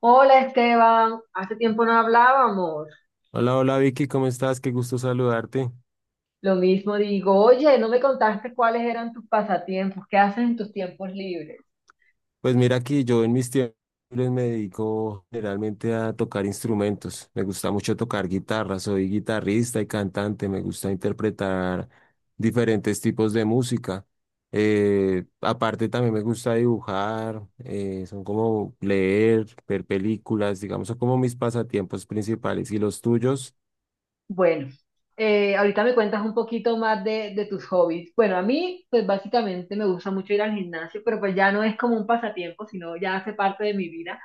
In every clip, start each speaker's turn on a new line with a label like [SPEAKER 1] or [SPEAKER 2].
[SPEAKER 1] Hola Esteban, hace tiempo no hablábamos.
[SPEAKER 2] Hola, Vicky, ¿cómo estás? Qué gusto saludarte.
[SPEAKER 1] Lo mismo digo, oye, no me contaste cuáles eran tus pasatiempos, qué haces en tus tiempos libres.
[SPEAKER 2] Pues mira que yo en mis tiempos libres me dedico generalmente a tocar instrumentos. Me gusta mucho tocar guitarra, soy guitarrista y cantante, me gusta interpretar diferentes tipos de música. Aparte también me gusta dibujar, son como leer, ver películas, digamos, son como mis pasatiempos principales. ¿Y los tuyos?
[SPEAKER 1] Bueno, ahorita me cuentas un poquito más de tus hobbies. Bueno, a mí, pues básicamente me gusta mucho ir al gimnasio, pero pues ya no es como un pasatiempo, sino ya hace parte de mi vida.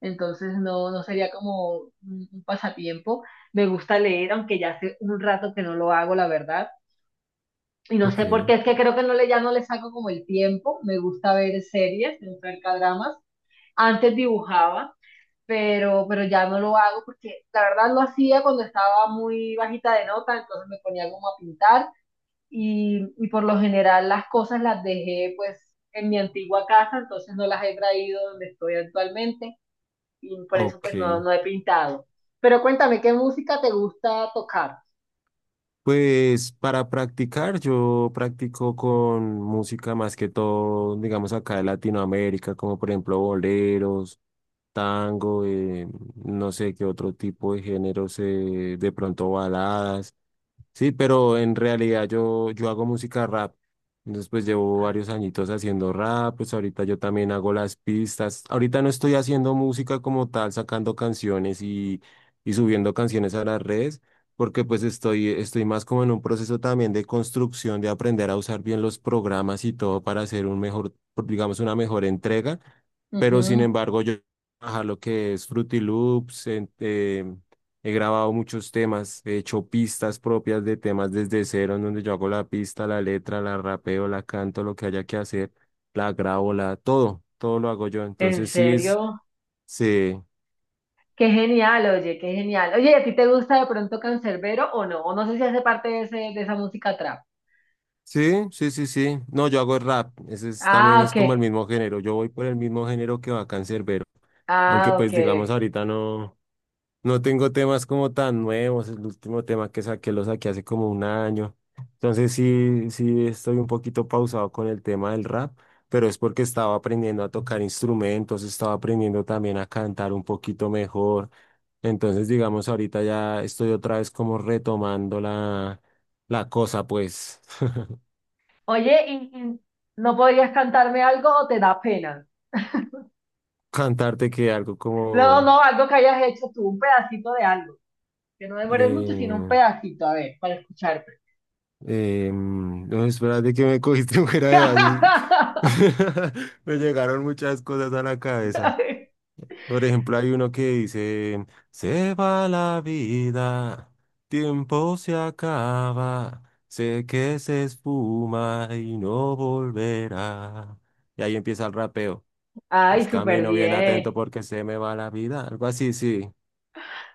[SPEAKER 1] Entonces no, no sería como un pasatiempo. Me gusta leer, aunque ya hace un rato que no lo hago, la verdad. Y no
[SPEAKER 2] Ok,
[SPEAKER 1] sé por qué, es que creo que no le, ya no le saco como el tiempo. Me gusta ver series, me gusta ver dramas. Antes dibujaba, pero ya no lo hago porque la verdad lo hacía cuando estaba muy bajita de nota, entonces me ponía como a pintar y por lo general las cosas las dejé pues en mi antigua casa, entonces no las he traído donde estoy actualmente y por eso pues no,
[SPEAKER 2] ok.
[SPEAKER 1] no he pintado. Pero cuéntame, ¿qué música te gusta tocar?
[SPEAKER 2] Pues para practicar, yo practico con música más que todo, digamos acá de Latinoamérica, como por ejemplo boleros, tango, no sé qué otro tipo de géneros, de pronto baladas. Sí, pero en realidad yo hago música rap. Entonces, pues llevo
[SPEAKER 1] Ah,
[SPEAKER 2] varios añitos haciendo rap, pues ahorita yo también hago las pistas. Ahorita no estoy haciendo música como tal, sacando canciones y subiendo canciones a las redes, porque pues estoy más como en un proceso también de construcción, de aprender a usar bien los programas y todo para hacer un mejor, digamos, una mejor entrega. Pero sin
[SPEAKER 1] ujú.
[SPEAKER 2] embargo, yo trabajar lo que es Fruity Loops, he grabado muchos temas, he hecho pistas propias de temas desde cero, en donde yo hago la pista, la letra, la rapeo, la canto, lo que haya que hacer, la grabo, la, todo, todo lo hago yo.
[SPEAKER 1] ¿En
[SPEAKER 2] Entonces sí es,
[SPEAKER 1] serio?
[SPEAKER 2] sí,
[SPEAKER 1] Qué genial. Oye, ¿y a ti te gusta de pronto Canserbero o no? O no sé si hace parte de, ese, de esa música trap.
[SPEAKER 2] sí, sí, sí, sí. No, yo hago rap, ese es, también
[SPEAKER 1] Ah,
[SPEAKER 2] es
[SPEAKER 1] ok.
[SPEAKER 2] como el mismo género, yo voy por el mismo género que Bacán Cerbero, aunque
[SPEAKER 1] Ah, ok.
[SPEAKER 2] pues digamos
[SPEAKER 1] Ok.
[SPEAKER 2] ahorita no. No tengo temas como tan nuevos. El último tema que saqué lo saqué hace como un año. Entonces sí, sí estoy un poquito pausado con el tema del rap, pero es porque estaba aprendiendo a tocar instrumentos, estaba aprendiendo también a cantar un poquito mejor. Entonces, digamos, ahorita ya estoy otra vez como retomando la, la cosa, pues,
[SPEAKER 1] Oye, ¿y no podrías cantarme algo o te da pena?
[SPEAKER 2] cantarte que algo
[SPEAKER 1] No,
[SPEAKER 2] como,
[SPEAKER 1] no, algo que hayas hecho tú, un pedacito de algo. Que no demores mucho, sino un
[SPEAKER 2] eh,
[SPEAKER 1] pedacito, a ver, para escucharte.
[SPEAKER 2] No, espérate que me cogiste fuera de base. Me llegaron muchas cosas a la cabeza. Por ejemplo, hay uno que dice, se va la vida, tiempo se acaba, sé que se espuma y no volverá. Y ahí empieza el rapeo. Es
[SPEAKER 1] Ay, súper
[SPEAKER 2] camino bien atento
[SPEAKER 1] bien.
[SPEAKER 2] porque se me va la vida. Algo así, sí.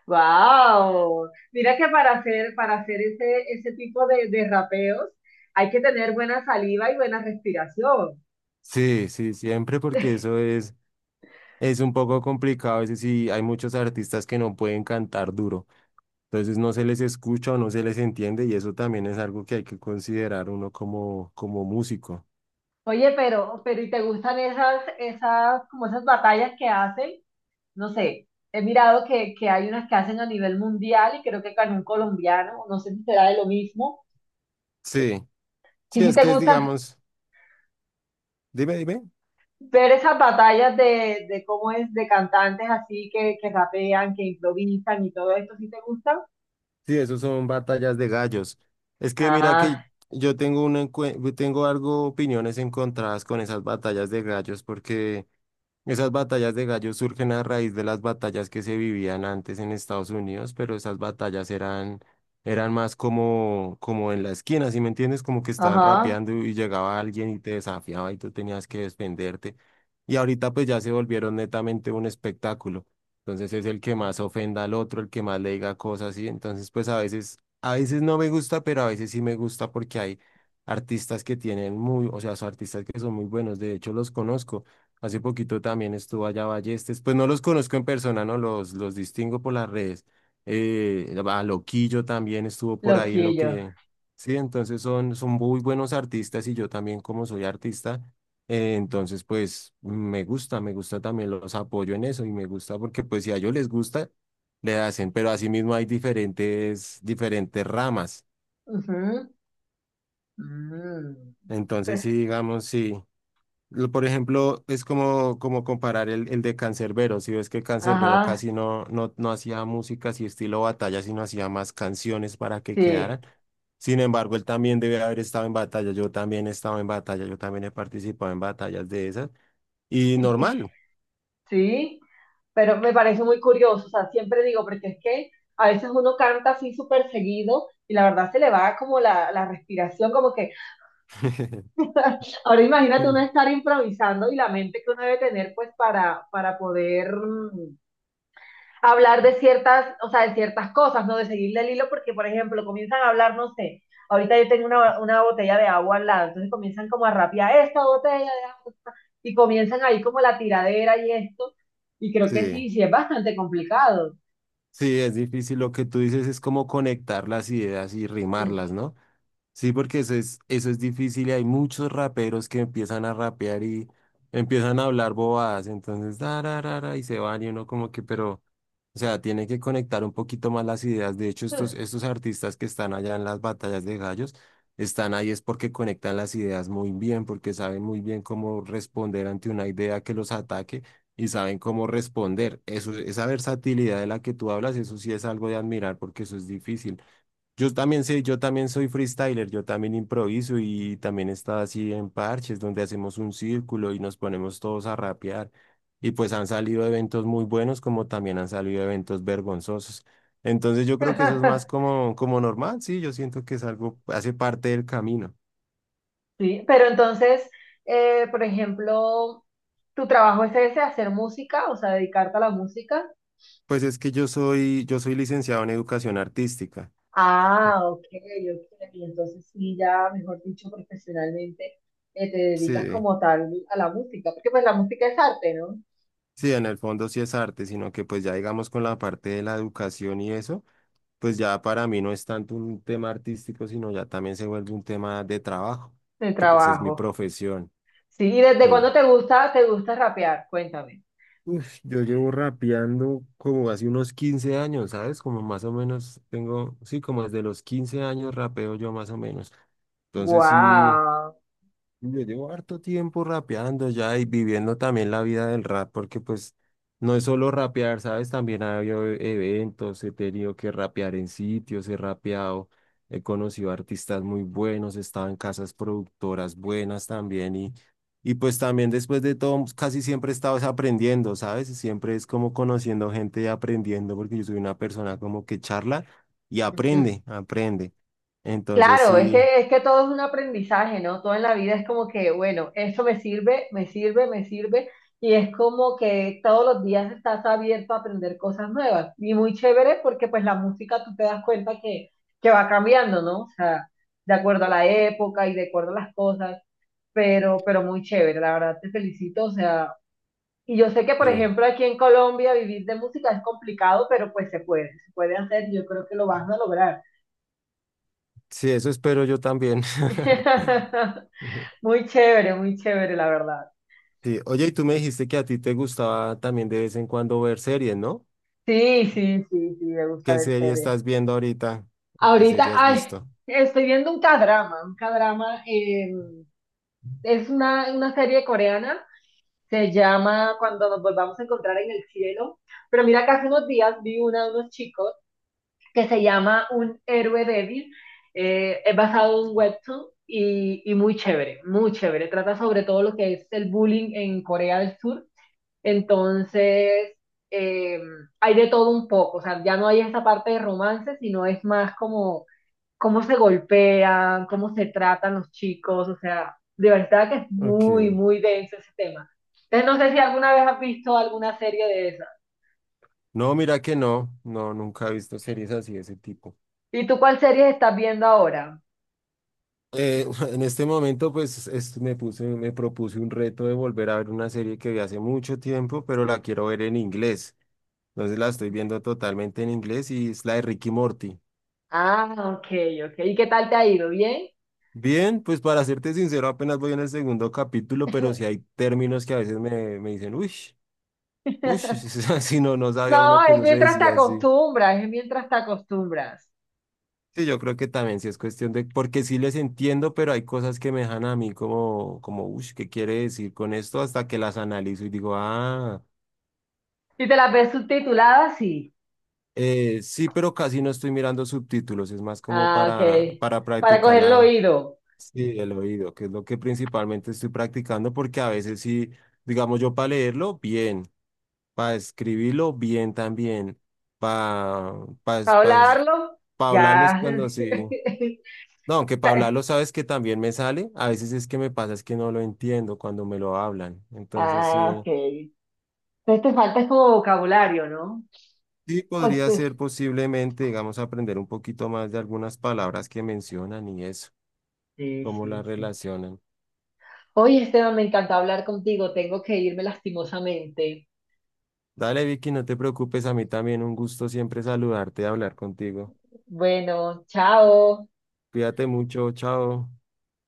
[SPEAKER 1] Wow, mira que para hacer ese tipo de rapeos hay que tener buena saliva y buena respiración.
[SPEAKER 2] Sí, sí, siempre porque eso es... Es un poco complicado, a veces sí hay muchos artistas que no pueden cantar duro, entonces no se les escucha o no se les entiende y eso también es algo que hay que considerar uno como, como músico.
[SPEAKER 1] Oye, pero ¿y te gustan como esas batallas que hacen? No sé, he mirado que hay unas que hacen a nivel mundial y creo que con un colombiano, no sé si será de lo mismo.
[SPEAKER 2] Sí,
[SPEAKER 1] ¿Y
[SPEAKER 2] sí,
[SPEAKER 1] si
[SPEAKER 2] es
[SPEAKER 1] te
[SPEAKER 2] que es,
[SPEAKER 1] gustan
[SPEAKER 2] digamos, dime, dime,
[SPEAKER 1] ver esas batallas de cómo es, de cantantes así que rapean, que improvisan y todo esto? ¿Sí te gustan?
[SPEAKER 2] sí, eso son batallas de gallos. Es que mira que
[SPEAKER 1] Ah,
[SPEAKER 2] yo tengo, tengo algo, opiniones encontradas con esas batallas de gallos porque... Esas batallas de gallos surgen a raíz de las batallas que se vivían antes en Estados Unidos, pero esas batallas eran, eran más como, como en la esquina, ¿sí me entiendes? Como que estaban
[SPEAKER 1] ajá,
[SPEAKER 2] rapeando y llegaba alguien y te desafiaba y tú tenías que defenderte. Y ahorita pues ya se volvieron netamente un espectáculo. Entonces es el que más ofenda al otro, el que más le diga cosas y entonces pues a veces no me gusta, pero a veces sí me gusta porque hay artistas que tienen muy, o sea, son artistas que son muy buenos, de hecho los conozco. Hace poquito también estuvo allá Ballestes. Pues no los conozco en persona, ¿no? Los distingo por las redes. A Loquillo también estuvo por ahí en lo
[SPEAKER 1] loquillo.
[SPEAKER 2] que... Sí, entonces son, son muy buenos artistas y yo también como soy artista, entonces pues me gusta también, los apoyo en eso y me gusta porque pues si a ellos les gusta, le hacen, pero asimismo hay diferentes, diferentes ramas.
[SPEAKER 1] Ujú. Mm.
[SPEAKER 2] Entonces
[SPEAKER 1] Pe-
[SPEAKER 2] sí, digamos, sí. Lo- Por ejemplo, es como, como comparar el de Cancerbero. Si ves que Cancerbero
[SPEAKER 1] Ajá,
[SPEAKER 2] casi no, no, no hacía música así estilo batalla, sino hacía más canciones para que
[SPEAKER 1] sí.
[SPEAKER 2] quedaran. Sin embargo, él también debe haber estado en batalla. Yo también he estado en batalla. Yo también he participado en batallas de esas. Y
[SPEAKER 1] Y que-
[SPEAKER 2] normal.
[SPEAKER 1] Sí, pero me parece muy curioso, o sea, siempre digo, porque es que a veces uno canta así súper seguido y la verdad se le va como la respiración, como que ahora imagínate uno
[SPEAKER 2] Mm.
[SPEAKER 1] estar improvisando y la mente que uno debe tener pues para poder hablar de ciertas, o sea, de ciertas cosas, ¿no? De seguirle el hilo, porque por ejemplo comienzan a hablar, no sé, ahorita yo tengo una botella de agua al lado, entonces comienzan como a rapear esta botella de agua y comienzan ahí como la tiradera y esto, y creo que
[SPEAKER 2] Sí,
[SPEAKER 1] sí, sí es bastante complicado.
[SPEAKER 2] sí, es difícil. Lo que tú dices es como conectar las ideas y
[SPEAKER 1] Mm.
[SPEAKER 2] rimarlas, ¿no? Sí, porque eso es difícil y hay muchos raperos que empiezan a rapear y empiezan a hablar bobadas, entonces da, ra, ra, y se van y uno como que, pero, o sea, tiene que conectar un poquito más las ideas. De hecho, estos artistas que están allá en las batallas de gallos, están ahí es porque conectan las ideas muy bien, porque saben muy bien cómo responder ante una idea que los ataque y saben cómo responder. Eso, esa versatilidad de la que tú hablas, eso sí es algo de admirar porque eso es difícil. Yo también sé, yo también soy freestyler, yo también improviso y también está así en parches donde hacemos un círculo y nos ponemos todos a rapear. Y pues han salido eventos muy buenos como también han salido eventos vergonzosos. Entonces yo creo que eso es más como, como normal, sí, yo siento que es algo, hace parte del camino.
[SPEAKER 1] Sí, pero entonces, por ejemplo, tu trabajo es ese, hacer música, o sea, dedicarte a la música.
[SPEAKER 2] Pues es que yo soy licenciado en educación artística.
[SPEAKER 1] Ah, ok, ok. Y entonces sí, ya, mejor dicho, profesionalmente, te dedicas
[SPEAKER 2] Sí,
[SPEAKER 1] como tal a la música, porque pues la música es arte, ¿no?
[SPEAKER 2] sí, en el fondo sí es arte, sino que pues ya digamos con la parte de la educación y eso. Pues ya para mí no es tanto un tema artístico, sino ya también se vuelve un tema de trabajo,
[SPEAKER 1] El
[SPEAKER 2] que pues es mi
[SPEAKER 1] trabajo.
[SPEAKER 2] profesión.
[SPEAKER 1] Sí, ¿y desde
[SPEAKER 2] Sí.
[SPEAKER 1] cuándo te gusta rapear? Cuéntame.
[SPEAKER 2] Uf, yo llevo rapeando como hace unos 15 años, ¿sabes? Como más o menos tengo, sí, como desde los 15 años rapeo yo más o menos. Entonces sí.
[SPEAKER 1] Guau.
[SPEAKER 2] Yo llevo harto tiempo rapeando ya y viviendo también la vida del rap, porque pues no es solo rapear, ¿sabes? También ha habido eventos, he tenido que rapear en sitios, he rapeado, he conocido artistas muy buenos, he estado en casas productoras buenas también y pues también después de todo casi siempre he estado es aprendiendo, ¿sabes? Siempre es como conociendo gente y aprendiendo, porque yo soy una persona como que charla y aprende, aprende. Entonces
[SPEAKER 1] Claro,
[SPEAKER 2] sí.
[SPEAKER 1] es que todo es un aprendizaje, ¿no? Todo en la vida es como que, bueno, esto me sirve, me sirve, me sirve, y es como que todos los días estás abierto a aprender cosas nuevas. Y muy chévere porque pues la música tú te das cuenta que va cambiando, ¿no? O sea, de acuerdo a la época y de acuerdo a las cosas, pero muy chévere, la verdad te felicito, o sea, y yo sé que por
[SPEAKER 2] Sí.
[SPEAKER 1] ejemplo aquí en Colombia vivir de música es complicado, pero pues se puede hacer, yo creo que lo vas a lograr.
[SPEAKER 2] Sí, eso espero yo también. Ujú.
[SPEAKER 1] Muy chévere, la verdad.
[SPEAKER 2] Sí, oye, y tú me dijiste que a ti te gustaba también de vez en cuando ver series, ¿no?
[SPEAKER 1] Sí, sí, sí, sí, me gusta
[SPEAKER 2] ¿Qué
[SPEAKER 1] ver
[SPEAKER 2] serie
[SPEAKER 1] series.
[SPEAKER 2] estás viendo ahorita? ¿O ¿Qué
[SPEAKER 1] Ahorita,
[SPEAKER 2] serie has
[SPEAKER 1] ay,
[SPEAKER 2] visto?
[SPEAKER 1] estoy viendo un K-drama, es una serie coreana, se llama Cuando nos volvamos a encontrar en el cielo, pero mira que hace unos días vi una de unos chicos que se llama Un héroe débil, es basado en un webtoon y muy chévere, trata sobre todo lo que es el bullying en Corea del Sur. Entonces, eh, hay de todo un poco, o sea, ya no hay esa parte de romance, sino es más como cómo se golpean, cómo se tratan los chicos, o sea, de verdad que es muy,
[SPEAKER 2] Ok.
[SPEAKER 1] muy denso ese tema. Entonces, no sé si alguna vez has visto alguna serie de esas.
[SPEAKER 2] No, mira que no, no, nunca he visto series así de ese tipo.
[SPEAKER 1] ¿Y tú cuál serie estás viendo ahora?
[SPEAKER 2] En este momento, pues es- me puse, me propuse un reto de volver a ver una serie que vi hace mucho tiempo, pero la quiero ver en inglés. Entonces la estoy viendo totalmente en inglés y es la de Ricky Morty.
[SPEAKER 1] Ah, ok, ok. ¿Y qué tal te ha ido? ¿Bien?
[SPEAKER 2] Bien, pues para serte sincero, apenas voy en el segundo capítulo, pero sí hay términos que a veces me, me dicen, uy, uy, si no, no sabía
[SPEAKER 1] No,
[SPEAKER 2] uno que
[SPEAKER 1] es
[SPEAKER 2] eso se
[SPEAKER 1] mientras te
[SPEAKER 2] decía así.
[SPEAKER 1] acostumbras, es mientras te acostumbras.
[SPEAKER 2] Sí, yo creo que también sí es cuestión de, porque sí les entiendo, pero hay cosas que me dejan a mí como, como, uy, ¿qué quiere decir con esto? Hasta que las analizo y digo, ah,
[SPEAKER 1] Si te las ves subtituladas, sí.
[SPEAKER 2] sí, pero casi no estoy mirando subtítulos, es más como
[SPEAKER 1] Ah, ok.
[SPEAKER 2] para
[SPEAKER 1] Para
[SPEAKER 2] practicar
[SPEAKER 1] coger el
[SPEAKER 2] la,
[SPEAKER 1] oído.
[SPEAKER 2] sí, el oído, que es lo que principalmente estoy practicando, porque a veces sí, digamos yo para leerlo, bien. Para escribirlo bien también, para pa, pa, es-
[SPEAKER 1] Para
[SPEAKER 2] pa
[SPEAKER 1] hablarlo,
[SPEAKER 2] pa hablarlo es
[SPEAKER 1] ya.
[SPEAKER 2] cuando sí. No, aunque para hablarlo sabes que también me sale, a veces es que me pasa es que no lo entiendo cuando me lo hablan. Entonces sí,
[SPEAKER 1] Ah, ok. Entonces te falta es como vocabulario, ¿no?
[SPEAKER 2] sí
[SPEAKER 1] Oye,
[SPEAKER 2] podría
[SPEAKER 1] sí,
[SPEAKER 2] ser posiblemente, digamos, aprender un poquito más de algunas palabras que mencionan y eso,
[SPEAKER 1] sí,
[SPEAKER 2] cómo las
[SPEAKER 1] sí. Sí.
[SPEAKER 2] relacionan.
[SPEAKER 1] Oye, Esteban, me encantó hablar contigo. Tengo que irme lastimosamente.
[SPEAKER 2] Dale, Vicky, no te preocupes, a mí también un gusto siempre saludarte y hablar contigo.
[SPEAKER 1] Bueno, chao.
[SPEAKER 2] Cuídate mucho, chao.